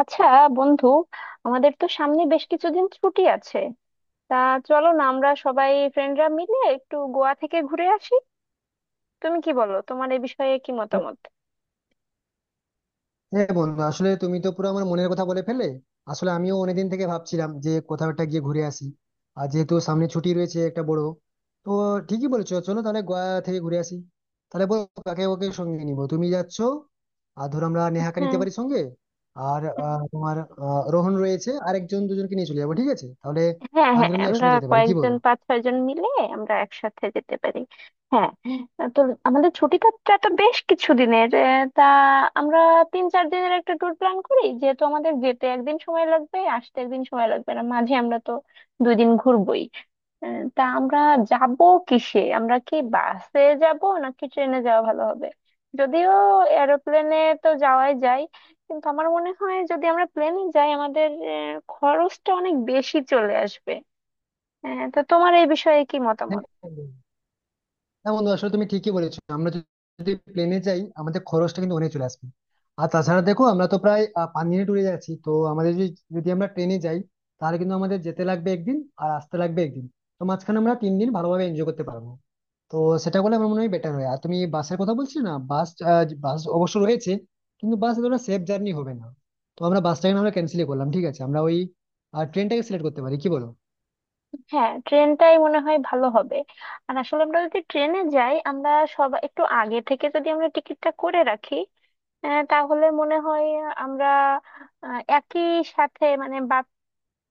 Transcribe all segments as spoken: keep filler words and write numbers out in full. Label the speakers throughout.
Speaker 1: আচ্ছা, বন্ধু, আমাদের তো সামনে বেশ কিছুদিন ছুটি আছে, তা চলো না আমরা সবাই ফ্রেন্ডরা মিলে একটু গোয়া থেকে ঘুরে আসি। তুমি কি বলো, তোমার এই বিষয়ে কি মতামত?
Speaker 2: হ্যাঁ বন্ধু, আসলে তুমি তো পুরো আমার মনের কথা বলে ফেলে। আসলে আমিও অনেকদিন থেকে ভাবছিলাম যে কোথাও একটা গিয়ে ঘুরে আসি। আর যেহেতু সামনে ছুটি রয়েছে একটা বড়, তো ঠিকই বলেছো, চলো তাহলে গোয়া থেকে ঘুরে আসি। তাহলে বলো, কাকে ওকে সঙ্গে নিবো, তুমি যাচ্ছ? আর ধরো, আমরা নেহাকে নিতে
Speaker 1: হ্যাঁ,
Speaker 2: পারি সঙ্গে। আর
Speaker 1: হ্যাঁ,
Speaker 2: আহ, তোমার আহ, রোহন রয়েছে, আর একজন দুজনকে নিয়ে চলে যাবো, ঠিক আছে? তাহলে
Speaker 1: হ্যাঁ, হ্যাঁ।
Speaker 2: আঞ্জন মিলে
Speaker 1: আমরা
Speaker 2: একসঙ্গে যেতে পারি, কি
Speaker 1: কয়েকজন,
Speaker 2: বলো?
Speaker 1: পাঁচ ছয় জন মিলে আমরা একসাথে যেতে পারি। হ্যাঁ। তো আমাদের ছুটিটা টা তো বেশ কিছু দিনের। তা আমরা তিন চার দিনের একটা ট্যুর প্ল্যান করি, যেহেতু আমাদের যেতে একদিন সময় লাগবে, আসতে একদিন সময় লাগবে, না মাঝে আমরা তো দুই দিন ঘুরবোই। আহ, তা আমরা যাব কিসে? আমরা কি বাসে যাব নাকি ট্রেনে যাওয়া ভালো হবে? যদিও এরোপ্লেনে তো যাওয়াই যায়, কিন্তু আমার মনে হয় যদি আমরা প্লেনে যাই আমাদের আহ, খরচটা অনেক বেশি চলে আসবে। আহ, তো তোমার এই বিষয়ে কি
Speaker 2: হ্যাঁ,
Speaker 1: মতামত?
Speaker 2: হ্যাঁ বন্ধু, আসলে তুমি ঠিকই বলেছো, আমরা যদি প্লেনে যাই আমাদের খরচটা কিন্তু অনেক চলে আসবে। আর তাছাড়া দেখো, আমরা তো প্রায় আহ, পাঁচ দিনে ট্যুরে যাচ্ছি, তো আমাদের যদি, যদি আমরা ট্রেনে যাই, তাহলে কিন্তু আমাদের যেতে লাগবে একদিন, আর আসতে লাগবে একদিন। তো মাঝখানে আমরা তিন দিন ভালোভাবে এনজয় করতে পারবো। তো সেটা করলে আমার মনে হয় বেটার হয়। আর তুমি বাসের কথা বলছিলে না, বাস আহ, বাস অবশ্য রয়েছে, কিন্তু বাস এতটা সেফ জার্নি হবে না। তো আমরা বাসটাকে না, আমরা ক্যান্সেলই করলাম, ঠিক আছে? আমরা ওই ট্রেনটাকে সিলেক্ট করতে পারি, কি বলো?
Speaker 1: হ্যাঁ, ট্রেনটাই মনে হয় ভালো হবে। আর আসলে আমরা যদি ট্রেনে যাই, আমরা সব একটু আগে থেকে যদি আমরা টিকিটটা করে রাখি, আহ, তাহলে মনে হয় আমরা আহ, একই সাথে মানে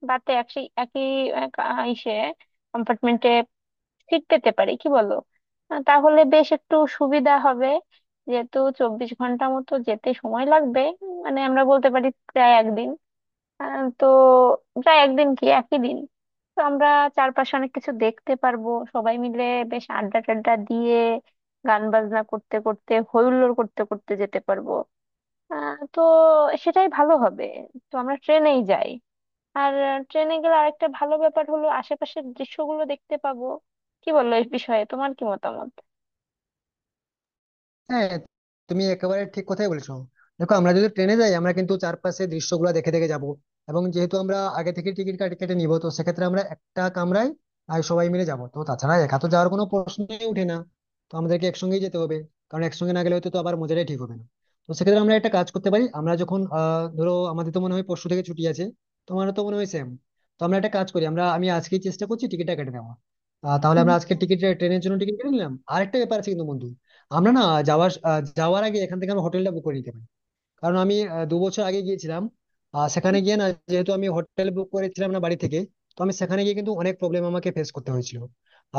Speaker 1: বাতে একই একই আহ, কা- ইসে কম্পার্টমেন্টে সিট পেতে পারি, কি বলো? আহ, তাহলে বেশ একটু সুবিধা হবে, যেহেতু চব্বিশ ঘন্টা মতো যেতে সময় লাগবে। মানে আমরা বলতে পারি প্রায় একদিন। আহ, তো প্রায় একদিন কি একই দিন। তো আমরা চারপাশে অনেক কিছু দেখতে পারবো সবাই মিলে, বেশ আড্ডা টাড্ডা দিয়ে, গান বাজনা করতে করতে, হই হুল্লোড় করতে করতে যেতে পারবো। আহ, তো সেটাই ভালো হবে। তো আমরা ট্রেনেই যাই। আর ট্রেনে গেলে আরেকটা ভালো ব্যাপার হলো আশেপাশের দৃশ্যগুলো দেখতে পাবো। কি বললো, এই বিষয়ে তোমার কি মতামত?
Speaker 2: হ্যাঁ, তুমি একেবারে ঠিক কথাই বলেছো। দেখো, আমরা যদি ট্রেনে যাই আমরা কিন্তু চারপাশে দৃশ্যগুলো দেখে দেখে যাব। এবং যেহেতু আমরা আগে থেকে টিকিট কাটে কেটে নিব, তো সেক্ষেত্রে আমরা একটা কামরায় আর সবাই মিলে যাব। তো তাছাড়া একা তো যাওয়ার কোনো প্রশ্নই উঠে না। তো আমাদেরকে একসঙ্গেই যেতে হবে, কারণ একসঙ্গে না গেলে হয়তো তো আবার মজাটাই ঠিক হবে না। তো সেক্ষেত্রে আমরা একটা কাজ করতে পারি। আমরা যখন আহ ধরো, আমাদের তো মনে হয় পরশু থেকে ছুটি আছে, তোমারও তো মনে হয় সেম। তো আমরা একটা কাজ করি, আমরা আমি আজকেই চেষ্টা করছি টিকিটটা কেটে নেওয়া। আহ, তাহলে
Speaker 1: উম,
Speaker 2: আমরা আজকে টিকিট, ট্রেনের জন্য টিকিট কেটে নিলাম। আরেকটা ব্যাপার আছে কিন্তু বন্ধু, আমরা না, যাওয়ার আহ, যাওয়ার আগে এখান থেকে আমরা হোটেলটা বুক করে নিতে পারি। কারণ আমি আহ, দু বছর আগে গিয়েছিলাম, আহ, সেখানে গিয়ে না, যেহেতু আমি হোটেল বুক করেছিলাম না বাড়ি থেকে, তো আমি সেখানে গিয়ে কিন্তু অনেক প্রবলেম আমাকে ফেস করতে হয়েছিল।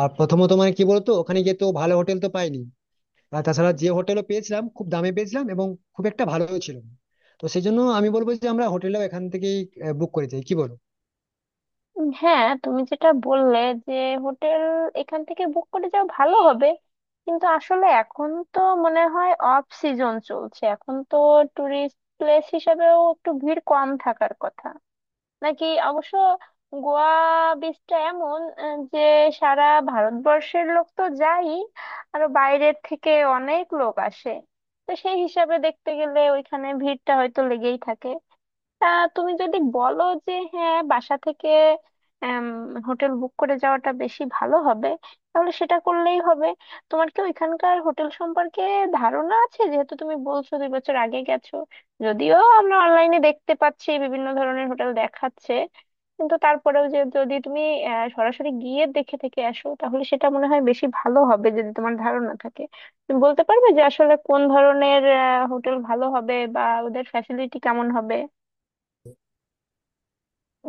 Speaker 2: আর প্রথমত মানে কি বলতো, ওখানে গিয়ে তো ভালো হোটেল তো পাইনি। আর তাছাড়া যে হোটেলও পেয়েছিলাম, খুব দামে পেয়েছিলাম, এবং খুব একটা ভালো ছিল না। তো সেই জন্য আমি বলবো যে আমরা হোটেলটাও এখান থেকেই বুক করে যাই, কি বলো?
Speaker 1: উম, হ্যাঁ, তুমি যেটা বললে, যে হোটেল এখান থেকে বুক করে যাও ভালো হবে। কিন্তু আসলে এখন তো মনে হয় অফ সিজন চলছে, এখন তো টুরিস্ট প্লেস হিসেবেও একটু ভিড় কম থাকার কথা। নাকি অবশ্য গোয়া বিচটা এমন আহ, যে সারা ভারতবর্ষের লোক তো যাই, আরো বাইরের থেকে অনেক লোক আসে। তো সেই হিসাবে দেখতে গেলে ওইখানে ভিড়টা হয়তো লেগেই থাকে। তা তুমি যদি বলো যে হ্যাঁ, বাসা থেকে হোটেল বুক করে যাওয়াটা বেশি ভালো হবে, তাহলে সেটা করলেই হবে। তোমার কি ওইখানকার হোটেল সম্পর্কে ধারণা আছে? যেহেতু তুমি বলছো দুই বছর আগে গেছো। যদিও আমরা অনলাইনে দেখতে পাচ্ছি বিভিন্ন ধরনের হোটেল দেখাচ্ছে, কিন্তু তারপরেও যে যদি তুমি আহ, সরাসরি গিয়ে দেখে থেকে আসো, তাহলে সেটা মনে হয় বেশি ভালো হবে। যদি তোমার ধারণা থাকে, তুমি বলতে পারবে যে আসলে কোন ধরনের হোটেল ভালো হবে বা ওদের ফ্যাসিলিটি কেমন হবে,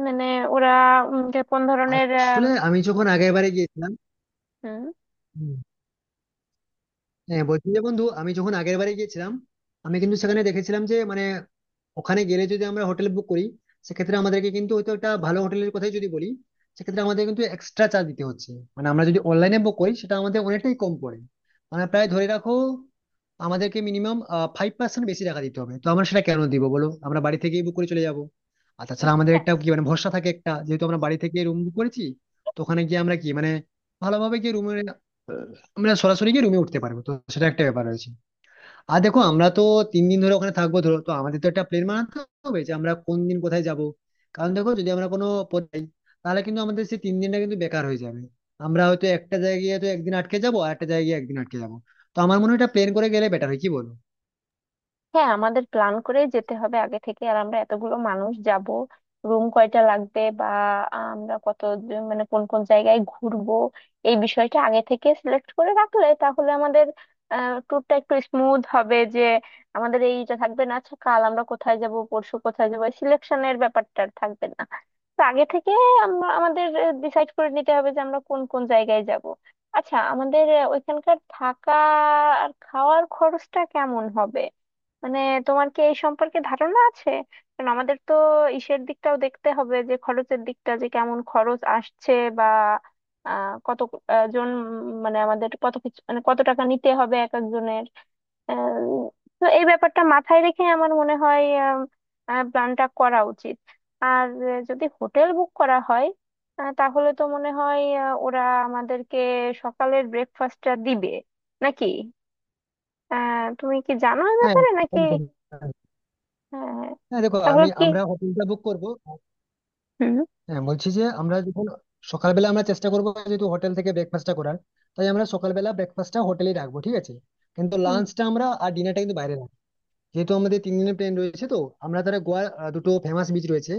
Speaker 1: মানে ওরা উম, যে কোন ধরনের আহ,
Speaker 2: আসলে আমি যখন আগের বারে গিয়েছিলাম,
Speaker 1: হুম।
Speaker 2: হ্যাঁ, বলছি যে বন্ধু, আমি যখন আগের বারে গিয়েছিলাম আমি কিন্তু সেখানে দেখেছিলাম যে মানে, ওখানে গেলে যদি আমরা হোটেল বুক করি, সেক্ষেত্রে আমাদেরকে কিন্তু হয়তো একটা ভালো হোটেলের কথাই যদি বলি, সেক্ষেত্রে আমাদের কিন্তু এক্সট্রা চার্জ দিতে হচ্ছে। মানে আমরা যদি অনলাইনে বুক করি সেটা আমাদের অনেকটাই কম পড়ে। মানে প্রায় ধরে রাখো, আমাদেরকে মিনিমাম ফাইভ পার্সেন্ট বেশি টাকা দিতে হবে, তো আমরা সেটা কেন দিব বলো, আমরা বাড়ি থেকেই বুক করে চলে যাবো। আর তাছাড়া আমাদের একটা কি মানে ভরসা থাকে একটা, যেহেতু আমরা বাড়ি থেকে রুম বুক করেছি, তো ওখানে গিয়ে আমরা কি মানে ভালোভাবে গিয়ে রুমে, আমরা সরাসরি গিয়ে রুমে উঠতে পারবো, তো সেটা একটা ব্যাপার রয়েছে। আর দেখো, আমরা তো তিন দিন ধরে ওখানে থাকবো, ধরো তো আমাদের তো একটা প্ল্যান বানাতে হবে যে আমরা কোন দিন কোথায় যাব। কারণ দেখো, যদি আমরা কোনো পথে যাই, তাহলে কিন্তু আমাদের সেই তিন দিনটা কিন্তু বেকার হয়ে যাবে। আমরা হয়তো একটা জায়গায় গিয়ে তো একদিন আটকে যাবো, আর একটা জায়গায় গিয়ে একদিন আটকে যাবো। তো আমার মনে হয় এটা প্ল্যান করে গেলে বেটার হয়, কি বলো?
Speaker 1: হ্যাঁ, আমাদের প্ল্যান করে যেতে হবে আগে থেকে। আর আমরা এতগুলো মানুষ যাব, রুম কয়টা লাগবে বা আমরা কত জন- মানে কোন কোন জায়গায় ঘুরবো, এই বিষয়টা আগে থেকে সিলেক্ট করে রাখলে তাহলে আমাদের ট্যুরটা একটু স্মুথ হবে। যে আমাদের এইটা থাকবে না, আচ্ছা কাল আমরা কোথায় যাব, পরশু কোথায় যাবো, সিলেকশনের ব্যাপারটা আর থাকবে না। তো আগে থেকে আমরা আমাদের ডিসাইড করে নিতে হবে যে আমরা কোন কোন জায়গায় যাব। আচ্ছা, আমাদের আহ, ওইখানকার থাকা আর খাওয়ার খরচটা কেমন হবে, মানে তোমার কি এই সম্পর্কে ধারণা আছে? কারণ আমাদের তো ইসের দিকটাও দেখতে হবে যে খরচের দিকটা, যে কেমন খরচ আসছে বা আহ, কত আহ, জন উম, মানে আমাদের কত কিছু, মানে কত টাকা নিতে হবে এক একজনের। আহ, তো এই ব্যাপারটা মাথায় রেখে আমার মনে হয় প্ল্যানটা করা উচিত। আর আহ, যদি হোটেল বুক করা হয়, আহ, তাহলে তো মনে হয় আহ, ওরা আমাদেরকে সকালের ব্রেকফাস্টটা দিবে নাকি? আহ তুমি কি জানো এই
Speaker 2: হ্যাঁ,
Speaker 1: ব্যাপারে নাকি?
Speaker 2: একদম।
Speaker 1: হ্যাঁ, হ্যাঁ।
Speaker 2: হ্যাঁ দেখো,
Speaker 1: তাহলে
Speaker 2: আমি
Speaker 1: কি?
Speaker 2: আমরা হোটেলটা বুক করবো।
Speaker 1: হুম।
Speaker 2: হ্যাঁ, বলছি যে আমরা যখন সকালবেলা আমরা চেষ্টা করবো, যেহেতু হোটেল থেকে ব্রেকফাস্টটা করার, তাই আমরা সকালবেলা ব্রেকফাস্টটা হোটেলেই রাখবো, ঠিক আছে। কিন্তু
Speaker 1: হুম,
Speaker 2: লাঞ্চটা আমরা আর ডিনারটা কিন্তু বাইরে রাখবো না। যেহেতু আমাদের তিন দিনের প্ল্যান রয়েছে, তো আমরা তাহলে গোয়া আহ, দুটো ফেমাস বিচ রয়েছে,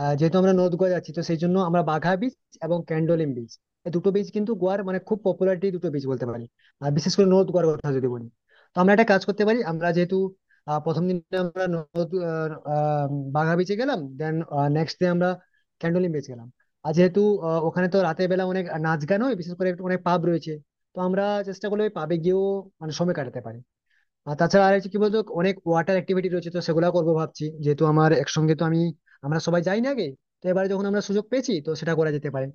Speaker 2: আহ, যেহেতু আমরা
Speaker 1: হুম,
Speaker 2: নর্থ গোয়া যাচ্ছি, তো সেই জন্য আমরা বাঘা বিচ এবং
Speaker 1: হুম।
Speaker 2: ক্যান্ডোলিম বিচ, এই দুটো বিচ কিন্তু গোয়ার মানে খুব পপুলারিটি দুটো বিচ বলতে পারি। আর বিশেষ করে নর্থ গোয়ার কথা যদি বলি, তো আমরা একটা কাজ করতে পারি, আমরা যেহেতু আহ, প্রথম দিন আমরা নর্থ আহ, আহ, বাঘা বিচে গেলাম, দেন নেক্সট ডে আমরা ক্যান্ডোলিম বিচ গেলাম। আর যেহেতু আহ, ওখানে তো রাতের বেলা অনেক নাচ গান হয়, বিশেষ করে একটু অনেক পাব রয়েছে, তো আমরা চেষ্টা করলে ওই পাবে গিয়েও মানে সময় কাটাতে পারি। আর তাছাড়া আর হচ্ছে কি বলতো, অনেক ওয়াটার অ্যাক্টিভিটি রয়েছে, তো সেগুলো করবো ভাবছি, যেহেতু আমার একসঙ্গে তো আমি, আমরা সবাই যাই না আগে, তো এবারে যখন আমরা সুযোগ পেয়েছি, তো সেটা করা যেতে পারে।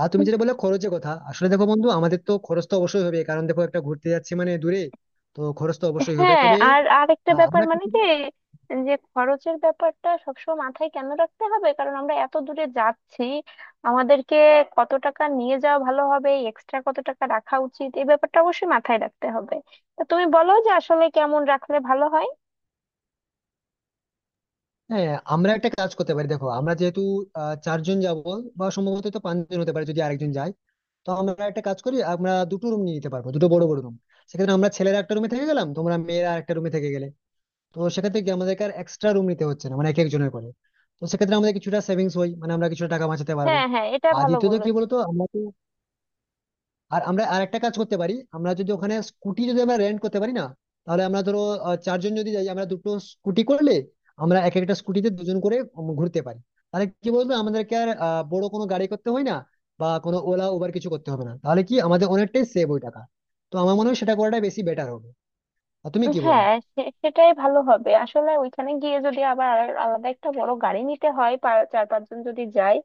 Speaker 2: আর তুমি যেটা বললে খরচের কথা, আসলে দেখো বন্ধু, আমাদের তো খরচ তো অবশ্যই হবে, কারণ দেখো একটা ঘুরতে যাচ্ছি মানে দূরে, তো খরচ তো অবশ্যই হবে,
Speaker 1: হ্যাঁ,
Speaker 2: তবে
Speaker 1: আর আরেকটা
Speaker 2: আহ,
Speaker 1: ব্যাপার,
Speaker 2: আমরা
Speaker 1: মানে কি
Speaker 2: কিছু-,
Speaker 1: যে খরচের ব্যাপারটা সবসময় মাথায় কেন রাখতে হবে, কারণ আমরা এত দূরে যাচ্ছি। আমাদেরকে কত টাকা নিয়ে যাওয়া ভালো হবে, এক্সট্রা কত টাকা রাখা উচিত, এই ব্যাপারটা অবশ্যই মাথায় রাখতে হবে। তা তুমি বলো যে আসলে কেমন রাখলে ভালো হয়?
Speaker 2: হ্যাঁ, আমরা একটা কাজ করতে পারি। দেখো, আমরা যেহেতু আহ, চারজন যাব বা সম্ভবত তো পাঁচজন হতে পারে যদি আরেকজন যায়, তো আমরা একটা কাজ করি, আমরা দুটো রুম নিয়ে নিতে পারবো, দুটো বড় বড় রুম। সেক্ষেত্রে আমরা ছেলেরা একটা রুমে থেকে গেলাম, তোমরা মেয়েরা একটা রুমে থেকে গেলে, তো সেক্ষেত্রে কি আমাদেরকে আর এক্সট্রা রুম নিতে হচ্ছে না, মানে এক একজনের করে। তো সেক্ষেত্রে আমাদের কিছুটা সেভিংস হয়, মানে আমরা কিছুটা টাকা বাঁচাতে পারবো।
Speaker 1: হ্যাঁ, হ্যাঁ, এটা
Speaker 2: আর
Speaker 1: ভালো
Speaker 2: দ্বিতীয়ত কি
Speaker 1: বলেছো।
Speaker 2: বলতো, আমরা তো, আর আমরা আর একটা কাজ করতে পারি, আমরা যদি ওখানে স্কুটি যদি আমরা রেন্ট করতে পারি না, তাহলে আমরা ধরো, আহ, চারজন যদি যাই আমরা দুটো স্কুটি করলে আমরা এক একটা স্কুটিতে দুজন করে উম, ঘুরতে পারি। তাহলে কি বলতো, আমাদেরকে আর আহ, বড় কোনো গাড়ি করতে হয় না, বা কোনো ওলা উবার কিছু করতে হবে না, তাহলে কি আমাদের অনেকটাই সেভ ওই টাকা। তো আমার মনে হয় সেটা করাটাই বেশি বেটার হবে, আর তুমি কি বলো?
Speaker 1: হ্যাঁ, সে- সেটাই ভালো হবে। আসলে ওইখানে গিয়ে যদি আবার আর- আলাদা একটা বড় গাড়ি নিতে হয়, পা- চার পাঁচজন যদি যায়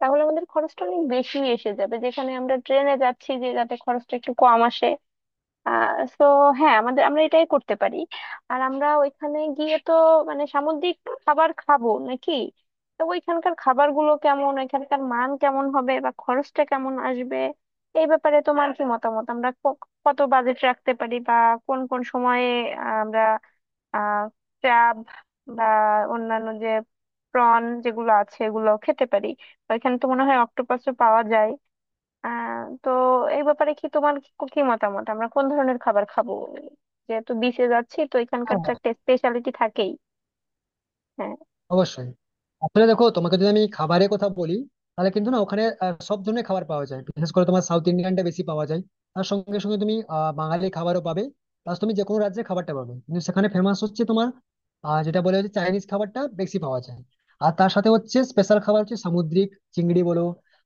Speaker 1: তাহলে আমাদের খরচটা অনেক বেশি এসে যাবে, যেখানে আমরা ট্রেনে যাচ্ছি যে যাতে খরচটা একটু কম আসে। সো হ্যাঁ, আমাদের আমরা এটাই করতে পারি। আর আমরা ওইখানে গিয়ে তো মানে সামুদ্রিক খাবার খাবো নাকি? তো ওইখানকার খাবারগুলো কেমন, ওইখানকার মান কেমন হবে বা খরচটা কেমন আসবে? এই ব্যাপারে তোমার কি মতামত, আমরা ক- কত বাজেট রাখতে পারি বা কোন কোন সময়ে আমরা আহ ক্র্যাব বা অন্যান্য যে প্রন যেগুলো আছে এগুলো খেতে পারি? ওইখানে তো মনে হয় অক্টোপাসও পাওয়া যায়। আহ তো এই ব্যাপারে কি তোমার কি কি মতামত, আমরা কোন ধরনের খাবার খাবো? যেহেতু বিচে যাচ্ছি তো এখানকার তো একটা স্পেশালিটি থাকেই। হ্যাঁ,
Speaker 2: অবশ্যই। আসলে দেখো, তোমাকে যদি আমি খাবারের কথা বলি, তাহলে কিন্তু না, ওখানে আহ, সব ধরনের খাবার পাওয়া যায়, বিশেষ করে তোমার সাউথ ইন্ডিয়ানটা বেশি পাওয়া যায়। তার সঙ্গে সঙ্গে তুমি আহ, বাঙালি খাবারও পাবে, প্লাস তুমি যে কোনো রাজ্যের খাবারটা পাবে। কিন্তু সেখানে ফেমাস হচ্ছে তোমার আহ, যেটা বলে হচ্ছে, চাইনিজ খাবারটা বেশি পাওয়া যায়। আর তার সাথে হচ্ছে স্পেশাল খাবার হচ্ছে সামুদ্রিক, চিংড়ি বলো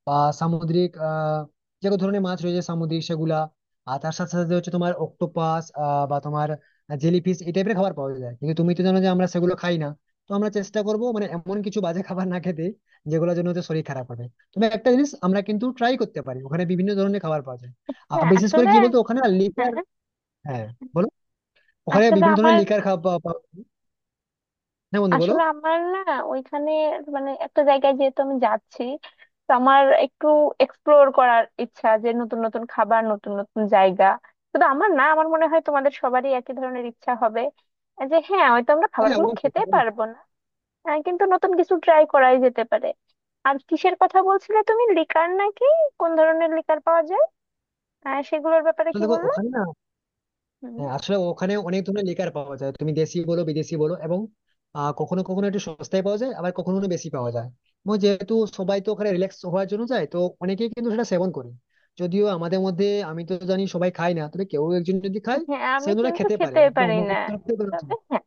Speaker 2: বা সামুদ্রিক আহ যে কোনো ধরনের মাছ রয়েছে সামুদ্রিক, সেগুলা আর তার সাথে সাথে হচ্ছে তোমার অক্টোপাস বা তোমার জেলিফিশ, এই টাইপের খাবার পাওয়া যায়, কিন্তু তুমি তো জানো যে আমরা সেগুলো খাই না। তো আমরা চেষ্টা করব, মানে এমন কিছু বাজে খাবার না খেতে যেগুলোর জন্য হচ্ছে শরীর খারাপ হবে। তবে একটা জিনিস আমরা কিন্তু ট্রাই করতে পারি, ওখানে বিভিন্ন ধরনের খাবার পাওয়া যায়। আর
Speaker 1: হ্যাঁ,
Speaker 2: বিশেষ করে
Speaker 1: আসলে।
Speaker 2: কি বলতো, ওখানে লিকার,
Speaker 1: হ্যাঁ,
Speaker 2: হ্যাঁ বলো, ওখানে
Speaker 1: আসলে
Speaker 2: বিভিন্ন ধরনের
Speaker 1: আমার।
Speaker 2: লিকার খাওয়া পাওয়া পাওয়া- হ্যাঁ বন্ধু, বলো,
Speaker 1: আসলে আমার না ওইখানে, মানে একটা জায়গায় যেহেতু আমি যাচ্ছি, তো আমার একটু এক্সপ্লোর করার ইচ্ছা, যে নতুন নতুন খাবার, নতুন নতুন জায়গা। শুধু আমার না, আমার মনে হয় তোমাদের সবারই একই ধরনের ইচ্ছা হবে, যে হ্যাঁ, হয়তো আমরা
Speaker 2: হ্যাঁ
Speaker 1: খাবারগুলো খেতে
Speaker 2: অবশ্যই,
Speaker 1: পারবো না। আহ, কিন্তু নতুন কিছু ট্রাই করাই যেতে পারে। আর কিসের কথা বলছিলে তুমি, লিকার নাকি? কোন ধরনের লিকার পাওয়া যায়, আহ, সেগুলোর ব্যাপারে
Speaker 2: আসলে
Speaker 1: কি
Speaker 2: দেখো
Speaker 1: বললে?
Speaker 2: ওখানে না,
Speaker 1: হুম।
Speaker 2: হ্যাঁ, আসলে ওখানে অনেক ধরনের লিকার পাওয়া যায়, তুমি দেশি বলো বিদেশি বলো, এবং আহ, কখনো কখনো একটু সস্তায় পাওয়া যায়, আবার কখনো কখনো বেশি পাওয়া যায়। এবং যেহেতু সবাই তো ওখানে রিল্যাক্স হওয়ার জন্য যায়, তো অনেকেই কিন্তু সেটা সেবন করে। যদিও আমাদের মধ্যে আমি তো জানি সবাই খায় না, তবে কেউ একজন যদি খায়,
Speaker 1: হ্যাঁ,
Speaker 2: সে
Speaker 1: আমি
Speaker 2: কিন্তু ওটা
Speaker 1: কিন্তু
Speaker 2: খেতে পারে,
Speaker 1: খেতে
Speaker 2: অন্তত
Speaker 1: পারি
Speaker 2: আমার
Speaker 1: না।
Speaker 2: তরফ থেকে কোনো অসুবিধা
Speaker 1: তবে
Speaker 2: নেই।
Speaker 1: হ্যাঁ,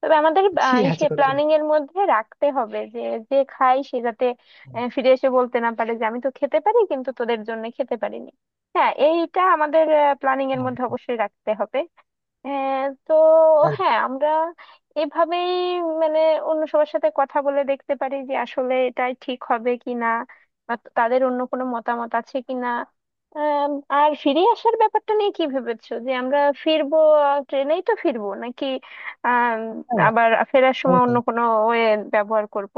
Speaker 1: তবে আমাদের আহ,
Speaker 2: ঠিক আছে,
Speaker 1: ইসে
Speaker 2: কোনো
Speaker 1: প্ল্যানিং
Speaker 2: সমস্যা
Speaker 1: এর মধ্যে রাখতে হবে যে, যে খাই সে যাতে
Speaker 2: নেই।
Speaker 1: আহ, ফিরে এসে বলতে না পারে যে আমি তো খেতে পারি কিন্তু তোদের জন্য খেতে পারিনি। হ্যাঁ, এইটা আমাদের প্ল্যানিং এর
Speaker 2: হ্যাঁ,
Speaker 1: মধ্যে অবশ্যই রাখতে হবে। হ্যাঁ। তো
Speaker 2: হ্যাঁ,
Speaker 1: হ্যাঁ, আমরা এভাবেই মানে অন্য সবার সাথে কথা বলে দেখতে পারি যে আসলে এটাই ঠিক হবে কি না, বা তাদের অন্য কোনো মতামত আছে কি না। আম, আর ফিরে আসার ব্যাপারটা নিয়ে কি ভেবেছো, যে আমরা ফিরবো, ট্রেনেই তো ফিরবো নাকি আম,
Speaker 2: হ্যাঁ, হ্যাঁ,
Speaker 1: আবার ফেরার সময় অন্য
Speaker 2: অবশ্যই।
Speaker 1: কোনো ওয়ে ব্যবহার করব?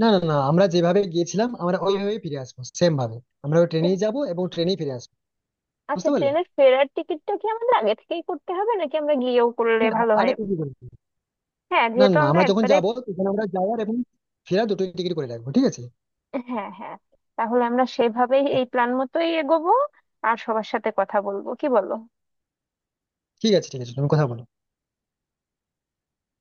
Speaker 2: না, না, না, আমরা যেভাবে গিয়েছিলাম আমরা ওইভাবেই ফিরে আসবো, সেম ভাবে। আমরা ওই ট্রেনেই যাবো এবং ট্রেনেই ফিরে আসবো।
Speaker 1: আচ্ছা,
Speaker 2: বুঝতে পারলে?
Speaker 1: ট্রেনের ফেরার টিকিটটা কি আমাদের আগে থেকেই করতে হবে নাকি আমরা গিয়েও করলে
Speaker 2: না,
Speaker 1: ভালো
Speaker 2: আরে
Speaker 1: হয়?
Speaker 2: তুমি,
Speaker 1: হ্যাঁ,
Speaker 2: না,
Speaker 1: যেহেতু
Speaker 2: না,
Speaker 1: আমরা
Speaker 2: আমরা যখন
Speaker 1: একবারে।
Speaker 2: যাবো তখন আমরা যাওয়ার এবং ফেরার দুটোই টিকিট করে রাখবো, ঠিক আছে।
Speaker 1: হ্যাঁ, হ্যাঁ, তাহলে আমরা সেভাবেই এই প্ল্যান মতোই এগোবো। আর সবার সাথে কথা বলবো, কি বলো?
Speaker 2: ঠিক আছে, ঠিক আছে, তুমি কথা বলো।